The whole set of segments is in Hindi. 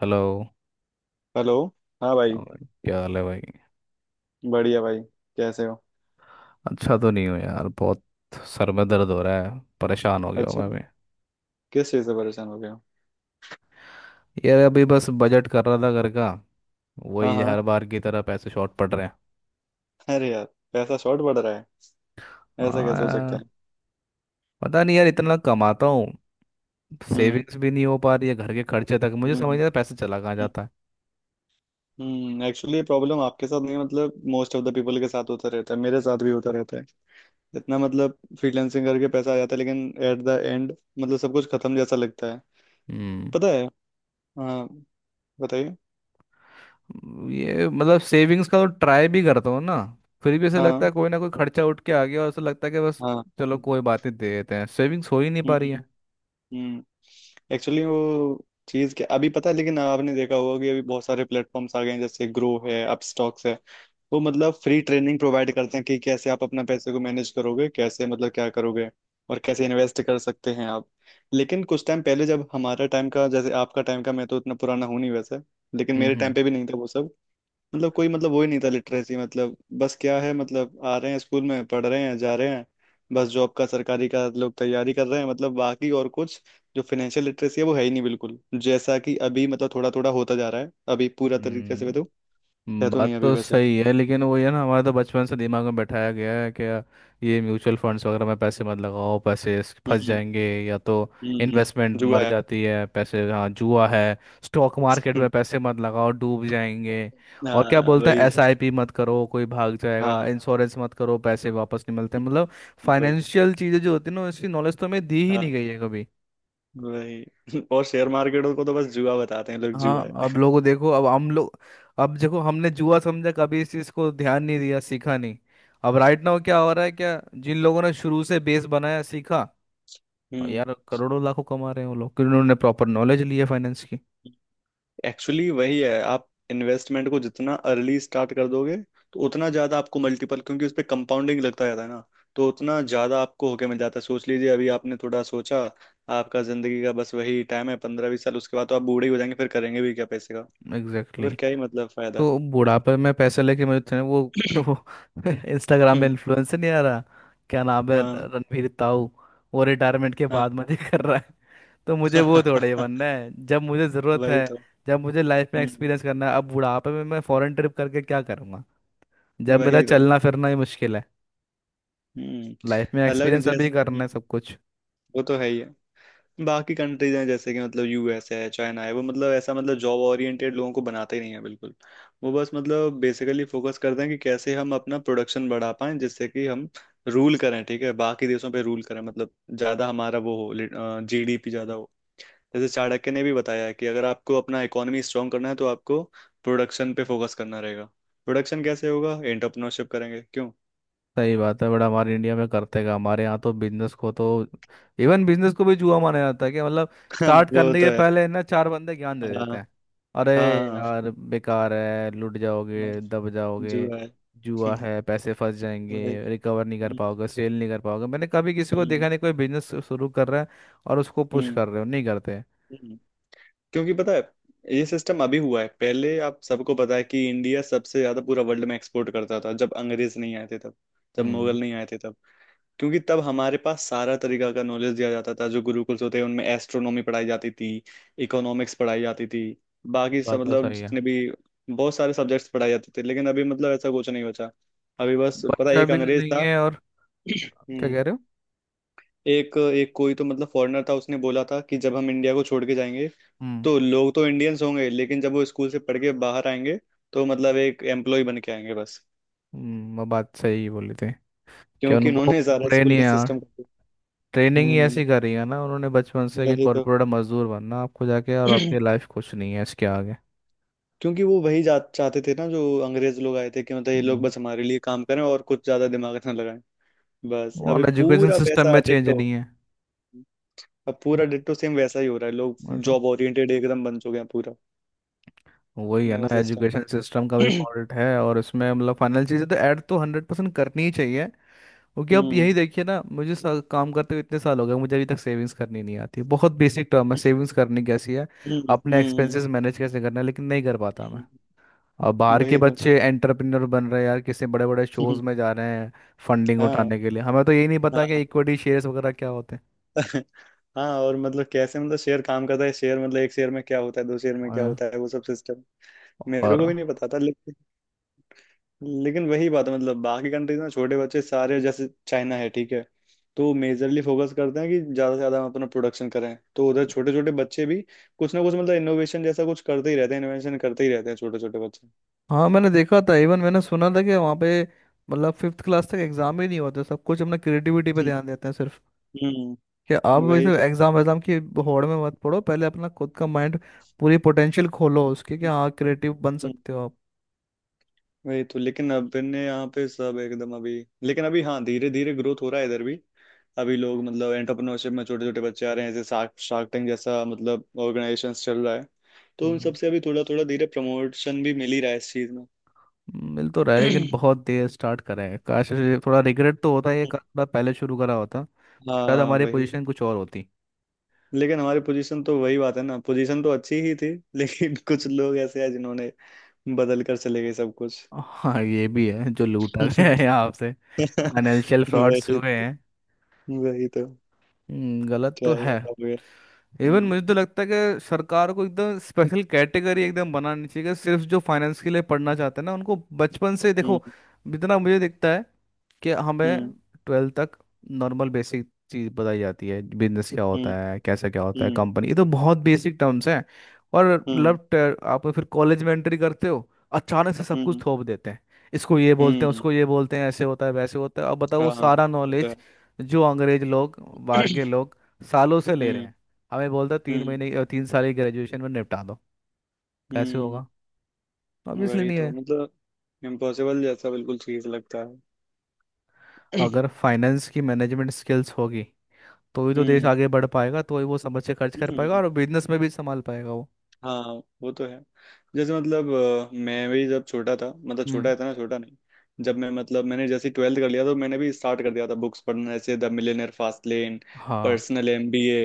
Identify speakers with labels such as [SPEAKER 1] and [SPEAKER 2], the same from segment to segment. [SPEAKER 1] हेलो।
[SPEAKER 2] हेलो। हाँ भाई,
[SPEAKER 1] और क्या हाल है भाई।
[SPEAKER 2] बढ़िया भाई। कैसे हो?
[SPEAKER 1] अच्छा तो नहीं हो यार बहुत। सर में दर्द हो रहा है। परेशान हो गया हूँ
[SPEAKER 2] अच्छा,
[SPEAKER 1] मैं भी।
[SPEAKER 2] किस चीज़ से परेशान हो गया हो?
[SPEAKER 1] यार अभी बस बजट कर रहा था घर का।
[SPEAKER 2] हाँ
[SPEAKER 1] वही
[SPEAKER 2] हाँ,
[SPEAKER 1] हर बार की तरह पैसे शॉर्ट पड़ रहे हैं।
[SPEAKER 2] अरे यार, पैसा शॉर्ट पड़ रहा है? ऐसा
[SPEAKER 1] हाँ
[SPEAKER 2] कैसे हो सकता
[SPEAKER 1] यार।
[SPEAKER 2] है?
[SPEAKER 1] पता नहीं यार इतना कमाता हूँ।
[SPEAKER 2] हम्म।
[SPEAKER 1] सेविंग्स भी नहीं हो पा रही है घर के खर्चे तक। मुझे समझ
[SPEAKER 2] हम्म।
[SPEAKER 1] नहीं आता पैसे चला कहाँ जाता है।
[SPEAKER 2] हम्म, एक्चुअली ये प्रॉब्लम आपके साथ नहीं है, मतलब मोस्ट ऑफ द पीपल के साथ होता रहता है, मेरे साथ भी होता रहता है। इतना मतलब फ्रीलांसिंग करके पैसा आ जाता है, लेकिन एट द एंड मतलब सब कुछ खत्म जैसा लगता है।
[SPEAKER 1] हम्म।
[SPEAKER 2] पता है। हाँ, बताइए।
[SPEAKER 1] ये मतलब सेविंग्स का तो ट्राई भी करता हूँ ना। फिर भी ऐसा लगता है
[SPEAKER 2] हाँ
[SPEAKER 1] कोई ना कोई खर्चा उठ के आ गया और ऐसा लगता है कि बस
[SPEAKER 2] हाँ। हम्म,
[SPEAKER 1] चलो कोई बात नहीं दे देते हैं। सेविंग्स हो ही नहीं पा रही
[SPEAKER 2] हम्म।
[SPEAKER 1] है।
[SPEAKER 2] हम्म, एक्चुअली वो चीज क्या, अभी पता है, लेकिन आपने देखा होगा कि अभी बहुत सारे प्लेटफॉर्म्स आ गए हैं, जैसे ग्रो है, अपस्टॉक्स है। वो मतलब फ्री ट्रेनिंग प्रोवाइड करते हैं कि कैसे आप अपना पैसे को मैनेज करोगे, कैसे मतलब क्या करोगे, और कैसे इन्वेस्ट कर सकते हैं आप। लेकिन कुछ टाइम पहले, जब हमारा टाइम का जैसे, आपका टाइम का, मैं तो इतना पुराना हूँ नहीं वैसे, लेकिन मेरे टाइम
[SPEAKER 1] हम्म।
[SPEAKER 2] पे भी नहीं था वो सब। मतलब कोई मतलब वो ही नहीं था लिटरेसी, मतलब बस क्या है मतलब आ रहे हैं स्कूल में, पढ़ रहे हैं, जा रहे हैं। बस जॉब का, सरकारी का लोग तैयारी कर रहे हैं, मतलब बाकी और कुछ। जो फाइनेंशियल लिटरेसी है वो है ही नहीं बिल्कुल, जैसा कि अभी मतलब थोड़ा थोड़ा होता जा रहा है, अभी पूरा तरीके
[SPEAKER 1] हम्म।
[SPEAKER 2] से तो है तो
[SPEAKER 1] बात
[SPEAKER 2] नहीं अभी
[SPEAKER 1] तो
[SPEAKER 2] वैसे।
[SPEAKER 1] सही है। लेकिन वो है ना हमारे तो बचपन से दिमाग में बैठाया गया है कि ये म्यूचुअल फंड्स वगैरह में पैसे मत लगाओ, पैसे फंस
[SPEAKER 2] हम्म।
[SPEAKER 1] जाएंगे। या तो
[SPEAKER 2] हम्म। हम्म,
[SPEAKER 1] इन्वेस्टमेंट
[SPEAKER 2] जुआ
[SPEAKER 1] मर
[SPEAKER 2] है।
[SPEAKER 1] जाती है पैसे, हाँ जुआ है। स्टॉक मार्केट
[SPEAKER 2] हम्म,
[SPEAKER 1] में पैसे मत लगाओ डूब जाएंगे। और क्या
[SPEAKER 2] हाँ
[SPEAKER 1] बोलते हैं,
[SPEAKER 2] वही।
[SPEAKER 1] एसआईपी मत करो कोई भाग जाएगा,
[SPEAKER 2] हाँ
[SPEAKER 1] इंश्योरेंस मत करो पैसे वापस नहीं मिलते, मतलब
[SPEAKER 2] वही।
[SPEAKER 1] फाइनेंशियल चीज़ें जो होती है ना उसकी नॉलेज तो हमें दी ही
[SPEAKER 2] हाँ
[SPEAKER 1] नहीं गई है कभी।
[SPEAKER 2] वही। और शेयर मार्केट को तो बस जुआ बताते हैं लोग, जुआ
[SPEAKER 1] हाँ अब
[SPEAKER 2] है।
[SPEAKER 1] लोगों देखो, अब हम लोग, अब देखो हमने जुआ समझा कभी इस चीज को ध्यान नहीं दिया सीखा नहीं। अब राइट नाउ क्या हो रहा है, क्या जिन लोगों ने शुरू से बेस बनाया सीखा और
[SPEAKER 2] हम्म,
[SPEAKER 1] यार करोड़ों लाखों कमा रहे हैं वो लोग, क्योंकि उन्होंने प्रॉपर नॉलेज ली है फाइनेंस की।
[SPEAKER 2] एक्चुअली वही है, आप इन्वेस्टमेंट को जितना अर्ली स्टार्ट कर दोगे, तो उतना ज्यादा आपको मल्टीपल, क्योंकि उस पे कंपाउंडिंग लगता जाता है ना। तो उतना ज्यादा आपको होके मिल जाता है। सोच लीजिए, अभी आपने थोड़ा सोचा, आपका जिंदगी का बस वही टाइम है, 15-20 साल। उसके बाद तो आप बूढ़े ही हो जाएंगे, फिर करेंगे भी क्या पैसे का? तो फिर
[SPEAKER 1] एग्जैक्टली।
[SPEAKER 2] क्या ही मतलब फायदा।
[SPEAKER 1] तो बुढ़ापे में पैसे लेके मुझे थे वो। वो इंस्टाग्राम में
[SPEAKER 2] हम्म,
[SPEAKER 1] इन्फ्लुएंसर नहीं आ रहा, क्या नाम है,
[SPEAKER 2] हाँ।
[SPEAKER 1] रणवीर ताऊ, वो रिटायरमेंट के
[SPEAKER 2] हाँ।
[SPEAKER 1] बाद मजे कर रहा है। तो मुझे वो थोड़े बनना है जब मुझे ज़रूरत
[SPEAKER 2] वही
[SPEAKER 1] है।
[SPEAKER 2] तो।
[SPEAKER 1] जब मुझे लाइफ में
[SPEAKER 2] हम्म,
[SPEAKER 1] एक्सपीरियंस करना है, अब बुढ़ापे में मैं फॉरेन ट्रिप करके क्या करूँगा जब मेरा
[SPEAKER 2] वही तो।
[SPEAKER 1] चलना फिरना ही मुश्किल है।
[SPEAKER 2] हम्म,
[SPEAKER 1] लाइफ में
[SPEAKER 2] अलग
[SPEAKER 1] एक्सपीरियंस अभी
[SPEAKER 2] जैसे।
[SPEAKER 1] करना
[SPEAKER 2] हम्म,
[SPEAKER 1] है सब कुछ।
[SPEAKER 2] वो तो है ही है। बाकी कंट्रीज हैं जैसे कि, मतलब यूएस है, चाइना है, वो मतलब ऐसा मतलब जॉब ओरिएंटेड लोगों को बनाते ही नहीं है बिल्कुल। वो बस मतलब बेसिकली फोकस करते हैं कि कैसे हम अपना प्रोडक्शन बढ़ा पाएं, जिससे कि हम रूल करें। ठीक है, बाकी देशों पे रूल करें, मतलब ज़्यादा हमारा वो हो, जीडीपी ज़्यादा हो। जैसे चाणक्य ने भी बताया है कि अगर आपको अपना इकोनॉमी स्ट्रांग करना है, तो आपको प्रोडक्शन पे फोकस करना रहेगा। प्रोडक्शन कैसे होगा? एंटरप्रेन्योरशिप करेंगे, क्यों।
[SPEAKER 1] सही बात है। बड़ा हमारे इंडिया में करते का, हमारे यहाँ तो बिजनेस को तो इवन बिजनेस को भी जुआ माना जाता है कि मतलब स्टार्ट
[SPEAKER 2] वो
[SPEAKER 1] करने के
[SPEAKER 2] तो है।
[SPEAKER 1] पहले ना चार बंदे ज्ञान दे देते
[SPEAKER 2] हाँ।
[SPEAKER 1] हैं। अरे
[SPEAKER 2] हाँ।
[SPEAKER 1] यार बेकार है लूट
[SPEAKER 2] हाँ,
[SPEAKER 1] जाओगे दब जाओगे,
[SPEAKER 2] जुआ है।
[SPEAKER 1] जुआ है पैसे फंस
[SPEAKER 2] वही।
[SPEAKER 1] जाएंगे रिकवर नहीं कर
[SPEAKER 2] हम्म,
[SPEAKER 1] पाओगे सेल नहीं कर पाओगे। मैंने कभी किसी को
[SPEAKER 2] हम्म,
[SPEAKER 1] देखा नहीं कोई बिजनेस शुरू कर रहा है और उसको पुश
[SPEAKER 2] हम्म।
[SPEAKER 1] कर रहे हो, नहीं करते।
[SPEAKER 2] हम्म। क्योंकि पता है, ये सिस्टम अभी हुआ है, पहले आप सबको पता है कि इंडिया सबसे ज्यादा पूरा वर्ल्ड में एक्सपोर्ट करता था, जब अंग्रेज नहीं आए थे तब, जब
[SPEAKER 1] हम्म
[SPEAKER 2] मुगल नहीं आए थे तब। क्योंकि तब हमारे पास सारा तरीका का नॉलेज दिया जाता था। जो गुरुकुल्स होते हैं उनमें एस्ट्रोनॉमी पढ़ाई जाती थी, इकोनॉमिक्स पढ़ाई जाती थी, बाकी सब
[SPEAKER 1] बात तो
[SPEAKER 2] मतलब
[SPEAKER 1] सही है।
[SPEAKER 2] जितने भी बहुत सारे सब्जेक्ट्स पढ़ाए जाते थे। लेकिन अभी मतलब ऐसा कुछ नहीं बचा। अभी बस पता है,
[SPEAKER 1] बच्चा
[SPEAKER 2] एक
[SPEAKER 1] भी
[SPEAKER 2] अंग्रेज
[SPEAKER 1] नहीं
[SPEAKER 2] था।
[SPEAKER 1] है, और क्या
[SPEAKER 2] हम्म।
[SPEAKER 1] कह रहे हो।
[SPEAKER 2] एक एक कोई तो, मतलब फॉरेनर था, उसने बोला था कि जब हम इंडिया को छोड़ के जाएंगे,
[SPEAKER 1] हम्म,
[SPEAKER 2] तो लोग तो इंडियंस होंगे, लेकिन जब वो स्कूल से पढ़ के बाहर आएंगे, तो मतलब एक एम्प्लॉय बन के आएंगे बस।
[SPEAKER 1] वो बात सही बोली थी कि
[SPEAKER 2] क्योंकि
[SPEAKER 1] उनको
[SPEAKER 2] उन्होंने सारा
[SPEAKER 1] ब्रेन
[SPEAKER 2] स्कूल
[SPEAKER 1] ही
[SPEAKER 2] का
[SPEAKER 1] यार,
[SPEAKER 2] सिस्टम कर दिया।
[SPEAKER 1] ट्रेनिंग ही
[SPEAKER 2] हम्म,
[SPEAKER 1] ऐसी करी है ना उन्होंने बचपन से, कि
[SPEAKER 2] वही तो।
[SPEAKER 1] कॉर्पोरेट मजदूर बनना आपको जाके और आपकी लाइफ कुछ नहीं है इसके आगे।
[SPEAKER 2] क्योंकि वो वही चाहते थे ना, जो अंग्रेज लोग आए थे, कि मतलब ये लोग
[SPEAKER 1] हम्म
[SPEAKER 2] बस हमारे लिए काम करें और कुछ ज्यादा दिमाग ना लगाएं। बस अभी
[SPEAKER 1] और एजुकेशन
[SPEAKER 2] पूरा
[SPEAKER 1] सिस्टम
[SPEAKER 2] वैसा
[SPEAKER 1] में चेंज
[SPEAKER 2] डिट्टो।
[SPEAKER 1] नहीं है,
[SPEAKER 2] अब पूरा डिट्टो सेम वैसा ही हो रहा है, लोग
[SPEAKER 1] वो तो।
[SPEAKER 2] जॉब ओरिएंटेड एकदम बन चुके हैं पूरा।
[SPEAKER 1] वही है
[SPEAKER 2] मेरा
[SPEAKER 1] ना,
[SPEAKER 2] सिस्टम।
[SPEAKER 1] एजुकेशन सिस्टम का भी फॉल्ट है और इसमें मतलब फाइनल चीज़ें तो ऐड तो 100% करनी ही चाहिए। क्योंकि अब
[SPEAKER 2] हम्म।
[SPEAKER 1] यही देखिए ना, मुझे काम करते हुए इतने साल हो गए, मुझे अभी तक सेविंग्स करनी नहीं आती, बहुत बेसिक टर्म है सेविंग्स करनी कैसी है,
[SPEAKER 2] हम्म।
[SPEAKER 1] अपने
[SPEAKER 2] हम्म।
[SPEAKER 1] एक्सपेंसेस मैनेज कैसे करना है, लेकिन नहीं कर पाता मैं।
[SPEAKER 2] हम्म,
[SPEAKER 1] और बाहर के
[SPEAKER 2] वही तो।
[SPEAKER 1] बच्चे एंटरप्रेन्योर बन रहे हैं यार, किसी बड़े बड़े शोज में जा रहे हैं फंडिंग
[SPEAKER 2] हाँ।
[SPEAKER 1] उठाने के लिए, हमें तो यही नहीं पता कि
[SPEAKER 2] हाँ।
[SPEAKER 1] इक्विटी शेयर्स वगैरह क्या होते हैं।
[SPEAKER 2] हाँ, और मतलब कैसे, मतलब शेयर काम करता है, शेयर मतलब एक शेयर में क्या होता है, दो शेयर में क्या
[SPEAKER 1] और
[SPEAKER 2] होता है, वो सब सिस्टम मेरे को
[SPEAKER 1] और-
[SPEAKER 2] भी नहीं पता था। लेकिन लेकिन वही बात है, मतलब बाकी कंट्रीज में छोटे बच्चे सारे, जैसे चाइना है, ठीक है, तो मेजरली फोकस करते हैं कि ज़्यादा से ज़्यादा हम अपना प्रोडक्शन करें। तो उधर छोटे छोटे बच्चे भी कुछ ना कुछ मतलब इनोवेशन जैसा कुछ करते ही रहते हैं, इनोवेशन करते ही रहते हैं छोटे छोटे बच्चे।
[SPEAKER 1] हाँ मैंने देखा था, इवन मैंने सुना था कि वहाँ पे मतलब फिफ्थ क्लास तक एग्जाम ही नहीं होते, सब कुछ अपना क्रिएटिविटी पे ध्यान देते हैं सिर्फ,
[SPEAKER 2] हम्म,
[SPEAKER 1] कि आप
[SPEAKER 2] वही
[SPEAKER 1] वैसे
[SPEAKER 2] तो।
[SPEAKER 1] एग्जाम एग्जाम की होड़ में मत पड़ो, पहले अपना खुद का माइंड पूरी पोटेंशियल खोलो उसके, कि हाँ क्रिएटिव बन
[SPEAKER 2] हम्म,
[SPEAKER 1] सकते हो।
[SPEAKER 2] वही तो। लेकिन अब ने यहाँ पे सब एकदम अभी, लेकिन अभी हाँ धीरे धीरे ग्रोथ हो रहा है इधर भी। अभी लोग मतलब एंटरप्रेन्योरशिप में छोटे छोटे बच्चे आ रहे हैं। जैसे शार्क शार्क टैंक जैसा मतलब ऑर्गेनाइजेशन चल रहा है, तो उन सबसे
[SPEAKER 1] आप
[SPEAKER 2] अभी थोड़ा थोड़ा धीरे प्रमोशन भी मिल ही रहा है इस चीज में।
[SPEAKER 1] मिल तो रहा है, लेकिन बहुत देर स्टार्ट करा है, काश थोड़ा रिग्रेट तो होता है ये काम थोड़ा पहले शुरू करा होता, शायद
[SPEAKER 2] हाँ
[SPEAKER 1] हमारी
[SPEAKER 2] वही।
[SPEAKER 1] पोजीशन कुछ और होती।
[SPEAKER 2] लेकिन हमारी पोजीशन तो वही बात है ना, पोजीशन तो अच्छी ही थी, लेकिन कुछ लोग ऐसे हैं जिन्होंने बदल कर चले गए सब कुछ।
[SPEAKER 1] हाँ ये भी है, जो लूटा गया है आपसे, फाइनेंशियल फ्रॉड्स
[SPEAKER 2] वही।
[SPEAKER 1] हुए हैं।
[SPEAKER 2] वही तो।
[SPEAKER 1] गलत
[SPEAKER 2] क्या
[SPEAKER 1] तो
[SPEAKER 2] ही
[SPEAKER 1] है।
[SPEAKER 2] बताओगे।
[SPEAKER 1] इवन
[SPEAKER 2] हम्म।
[SPEAKER 1] मुझे तो लगता है कि सरकार को एकदम स्पेशल कैटेगरी एकदम बनानी चाहिए, कि सिर्फ जो फाइनेंस के लिए पढ़ना चाहते हैं ना उनको बचपन से
[SPEAKER 2] हम्म।
[SPEAKER 1] देखो। जितना मुझे दिखता है कि हमें
[SPEAKER 2] हम्म।
[SPEAKER 1] 12th तक नॉर्मल बेसिक चीज़ बताई जाती है, बिजनेस क्या
[SPEAKER 2] हम्म।
[SPEAKER 1] होता है कैसे क्या होता है
[SPEAKER 2] हम्म।
[SPEAKER 1] कंपनी, ये तो बहुत बेसिक टर्म्स हैं। और
[SPEAKER 2] हम्म।
[SPEAKER 1] लव, आप फिर कॉलेज में एंट्री करते हो, अचानक से सब कुछ
[SPEAKER 2] हम्म।
[SPEAKER 1] थोप देते हैं, इसको ये बोलते हैं
[SPEAKER 2] हम्म,
[SPEAKER 1] उसको ये बोलते हैं ऐसे होता है वैसे होता है, अब बताओ वो
[SPEAKER 2] हाँ
[SPEAKER 1] सारा
[SPEAKER 2] वो तो है।
[SPEAKER 1] नॉलेज जो अंग्रेज लोग बाहर के लोग सालों से ले रहे
[SPEAKER 2] हम्म।
[SPEAKER 1] हैं, हमें बोलता तीन
[SPEAKER 2] हम्म।
[SPEAKER 1] महीने 3 साल की ग्रेजुएशन में निपटा दो। कैसे
[SPEAKER 2] हम्म,
[SPEAKER 1] होगा? ऑब्वियसली
[SPEAKER 2] वही
[SPEAKER 1] नहीं
[SPEAKER 2] तो
[SPEAKER 1] है।
[SPEAKER 2] मतलब इम्पॉसिबल जैसा बिल्कुल चीज लगता है।
[SPEAKER 1] अगर फाइनेंस की मैनेजमेंट स्किल्स होगी तो ही तो देश
[SPEAKER 2] हम्म।
[SPEAKER 1] आगे बढ़ पाएगा, तो ही वो समझ से खर्च कर पाएगा
[SPEAKER 2] हम्म,
[SPEAKER 1] और बिजनेस में भी संभाल पाएगा वो।
[SPEAKER 2] हाँ वो तो है। जैसे मतलब, अ, मैं भी जब छोटा था, मतलब
[SPEAKER 1] हम्म।
[SPEAKER 2] छोटा था ना, छोटा नहीं, जब मैं मतलब मैंने जैसे ट्वेल्थ कर लिया, तो मैंने भी स्टार्ट कर दिया था बुक्स पढ़ना, जैसे द मिलियनेयर फास्ट लेन,
[SPEAKER 1] हाँ।
[SPEAKER 2] Personal MBA,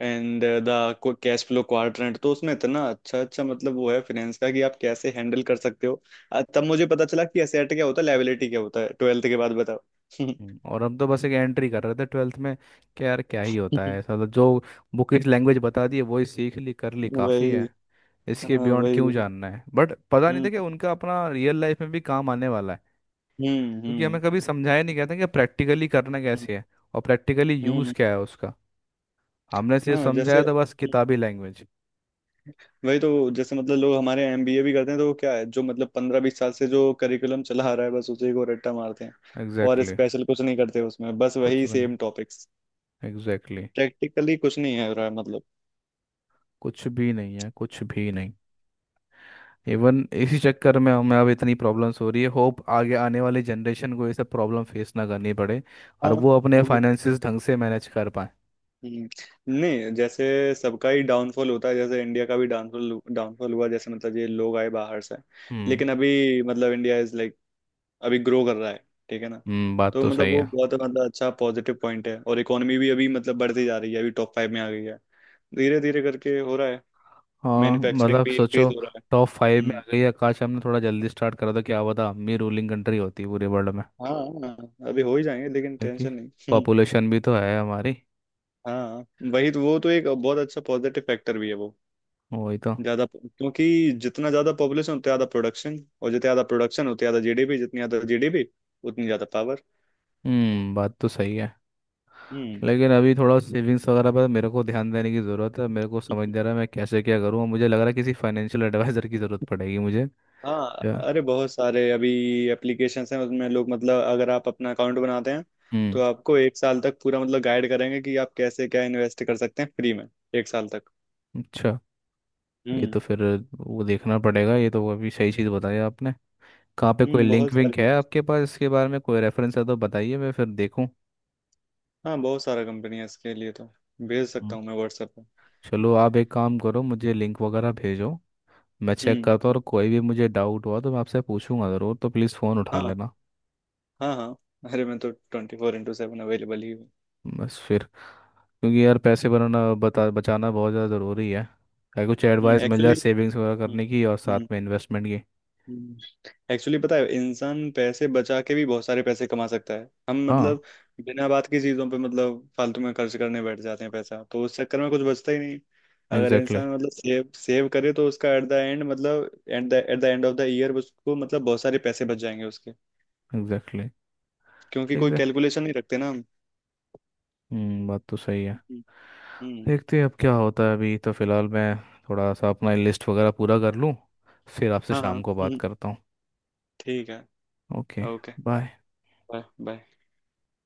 [SPEAKER 2] and the cash flow quadrant, तो उसमें इतना अच्छा अच्छा मतलब वो है फाइनेंस का कि आप कैसे हैंडल कर सकते हो। अ, तब मुझे पता चला कि एसेट क्या होता है, लायबिलिटी क्या होता है, ट्वेल्थ के बाद बताओ।
[SPEAKER 1] और हम तो बस एक एंट्री कर रहे थे 12th में, कि यार क्या ही होता है ऐसा, तो जो बुकिश लैंग्वेज बता दी है वही सीख ली कर ली काफ़ी
[SPEAKER 2] वही।
[SPEAKER 1] है, इसके
[SPEAKER 2] हाँ
[SPEAKER 1] बियॉन्ड क्यों
[SPEAKER 2] वही।
[SPEAKER 1] जानना है। बट पता नहीं था
[SPEAKER 2] हम्म।
[SPEAKER 1] कि उनका अपना रियल लाइफ में भी काम आने वाला है,
[SPEAKER 2] हम्म।
[SPEAKER 1] क्योंकि हमें
[SPEAKER 2] हम्म।
[SPEAKER 1] कभी समझाया नहीं गया था कि प्रैक्टिकली करना
[SPEAKER 2] हम्म,
[SPEAKER 1] कैसे है और प्रैक्टिकली यूज़
[SPEAKER 2] हम्म,
[SPEAKER 1] क्या है उसका, हमने सिर्फ
[SPEAKER 2] हाँ जैसे।
[SPEAKER 1] समझाया था बस किताबी लैंग्वेज।
[SPEAKER 2] वही तो, जैसे मतलब लोग हमारे एमबीए भी करते हैं, तो वो क्या है जो मतलब 15-20 साल से जो करिकुलम चला आ रहा है, बस उसी को रट्टा मारते हैं। और
[SPEAKER 1] एग्जैक्टली exactly.
[SPEAKER 2] स्पेशल कुछ नहीं करते उसमें, बस
[SPEAKER 1] कुछ
[SPEAKER 2] वही
[SPEAKER 1] भी नहीं।
[SPEAKER 2] Same topics.
[SPEAKER 1] Exactly exactly.
[SPEAKER 2] Practically कुछ नहीं है रहा मतलब।
[SPEAKER 1] कुछ भी नहीं है, कुछ भी नहीं। इवन इसी चक्कर में हमें अब इतनी प्रॉब्लम्स हो रही है, होप आगे आने वाली जनरेशन को ये सब प्रॉब्लम फेस ना करनी पड़े और
[SPEAKER 2] हाँ।
[SPEAKER 1] वो अपने
[SPEAKER 2] होगी।
[SPEAKER 1] फाइनेंसिस ढंग से मैनेज कर पाए।
[SPEAKER 2] नहीं नहीं जैसे सबका ही डाउनफॉल होता है, जैसे इंडिया का भी डाउनफॉल डाउनफॉल हुआ, जैसे मतलब ये लोग आए बाहर से।
[SPEAKER 1] हम्म।
[SPEAKER 2] लेकिन अभी मतलब इंडिया इज लाइक अभी ग्रो कर रहा है, ठीक है ना।
[SPEAKER 1] हम्म। बात
[SPEAKER 2] तो
[SPEAKER 1] तो
[SPEAKER 2] मतलब
[SPEAKER 1] सही
[SPEAKER 2] वो
[SPEAKER 1] है।
[SPEAKER 2] बहुत मतलब अच्छा पॉजिटिव पॉइंट है, और इकोनॉमी भी अभी मतलब बढ़ती जा रही है, अभी टॉप 5 में आ गई है, धीरे धीरे करके हो रहा है।
[SPEAKER 1] हाँ
[SPEAKER 2] मैन्युफैक्चरिंग
[SPEAKER 1] मतलब
[SPEAKER 2] भी इंक्रीज
[SPEAKER 1] सोचो,
[SPEAKER 2] हो रहा है।
[SPEAKER 1] टॉप फाइव में आ
[SPEAKER 2] हम्म।
[SPEAKER 1] गई है, काश हमने थोड़ा जल्दी स्टार्ट करा था, क्या पता हम भी रूलिंग कंट्री होती पूरे वर्ल्ड में।
[SPEAKER 2] हाँ। हाँ, अभी हो ही जाएंगे, लेकिन
[SPEAKER 1] देखिए,
[SPEAKER 2] टेंशन नहीं।
[SPEAKER 1] पॉपुलेशन भी तो है हमारी।
[SPEAKER 2] हाँ, वही तो, वो तो एक बहुत अच्छा पॉजिटिव फैक्टर भी है वो,
[SPEAKER 1] वही तो।
[SPEAKER 2] ज्यादा, क्योंकि जितना ज्यादा पॉपुलेशन उतना ज्यादा प्रोडक्शन, और जितना ज्यादा प्रोडक्शन उतना ज्यादा जीडीपी, जितनी ज्यादा जीडीपी उतनी ज्यादा पावर।
[SPEAKER 1] बात तो सही है।
[SPEAKER 2] हम्म।
[SPEAKER 1] लेकिन अभी थोड़ा सेविंग्स वगैरह पर मेरे को ध्यान देने की ज़रूरत है, मेरे को समझ नहीं आ रहा है मैं कैसे क्या करूँ, मुझे लग रहा है किसी फाइनेंशियल एडवाइज़र की ज़रूरत पड़ेगी मुझे।
[SPEAKER 2] हाँ,
[SPEAKER 1] क्या?
[SPEAKER 2] अरे बहुत सारे अभी एप्लीकेशंस हैं उसमें, लोग मतलब अगर आप अपना अकाउंट बनाते हैं, तो
[SPEAKER 1] हम्म।
[SPEAKER 2] आपको एक साल तक पूरा मतलब गाइड करेंगे कि आप कैसे क्या इन्वेस्ट कर सकते हैं, फ्री में, एक साल तक।
[SPEAKER 1] अच्छा, ये
[SPEAKER 2] हम्म।
[SPEAKER 1] तो फिर वो देखना पड़ेगा, ये तो अभी सही चीज़ बताई आपने। कहाँ पे कोई
[SPEAKER 2] हम्म, बहुत
[SPEAKER 1] लिंक
[SPEAKER 2] सारे।
[SPEAKER 1] विंक है आपके पास, इसके बारे में कोई रेफरेंस है तो बताइए, मैं फिर देखूँ।
[SPEAKER 2] हाँ, बहुत सारा कंपनी है इसके लिए तो, भेज
[SPEAKER 1] हम्म,
[SPEAKER 2] सकता हूँ मैं व्हाट्सएप पे।
[SPEAKER 1] चलो आप एक काम करो, मुझे लिंक वगैरह भेजो, मैं चेक
[SPEAKER 2] हम्म।
[SPEAKER 1] करता हूँ, और कोई भी मुझे डाउट हुआ तो मैं आपसे पूछूंगा ज़रूर, तो प्लीज़ फ़ोन उठा
[SPEAKER 2] हाँ।
[SPEAKER 1] लेना।
[SPEAKER 2] हाँ हाँ, अरे मैं तो 24/7 अवेलेबल ही हूँ।
[SPEAKER 1] बस फिर, क्योंकि यार पैसे बनाना बता बचाना बहुत ज़्यादा ज़रूरी है, अगर कुछ
[SPEAKER 2] हम्म,
[SPEAKER 1] एडवाइस मिल जाए
[SPEAKER 2] एक्चुअली,
[SPEAKER 1] सेविंग्स वगैरह करने की और साथ में इन्वेस्टमेंट की।
[SPEAKER 2] एक्चुअली पता है, इंसान पैसे बचा के भी बहुत सारे पैसे कमा सकता है, हम
[SPEAKER 1] हाँ।
[SPEAKER 2] मतलब बिना बात की चीजों पे मतलब फालतू में खर्च करने बैठ जाते हैं, पैसा तो उस चक्कर में कुछ बचता ही नहीं। अगर
[SPEAKER 1] एग्जैक्टली।
[SPEAKER 2] इंसान मतलब सेव सेव करे, तो उसका एट द एंड, मतलब at the end of the year उसको मतलब बहुत सारे पैसे बच जाएंगे उसके।
[SPEAKER 1] एग्जैक्टली।
[SPEAKER 2] क्योंकि कोई
[SPEAKER 1] देखते
[SPEAKER 2] कैलकुलेशन नहीं रखते ना हम।
[SPEAKER 1] बात तो सही है।
[SPEAKER 2] हम्म। हम्म,
[SPEAKER 1] देखते हैं अब क्या होता है, अभी तो फ़िलहाल मैं थोड़ा सा अपना लिस्ट वगैरह पूरा कर लूँ, फिर आपसे
[SPEAKER 2] हाँ। हाँ।
[SPEAKER 1] शाम को बात करता हूँ।
[SPEAKER 2] ठीक है।
[SPEAKER 1] Okay.
[SPEAKER 2] Okay.
[SPEAKER 1] Bye.
[SPEAKER 2] Bye. Bye.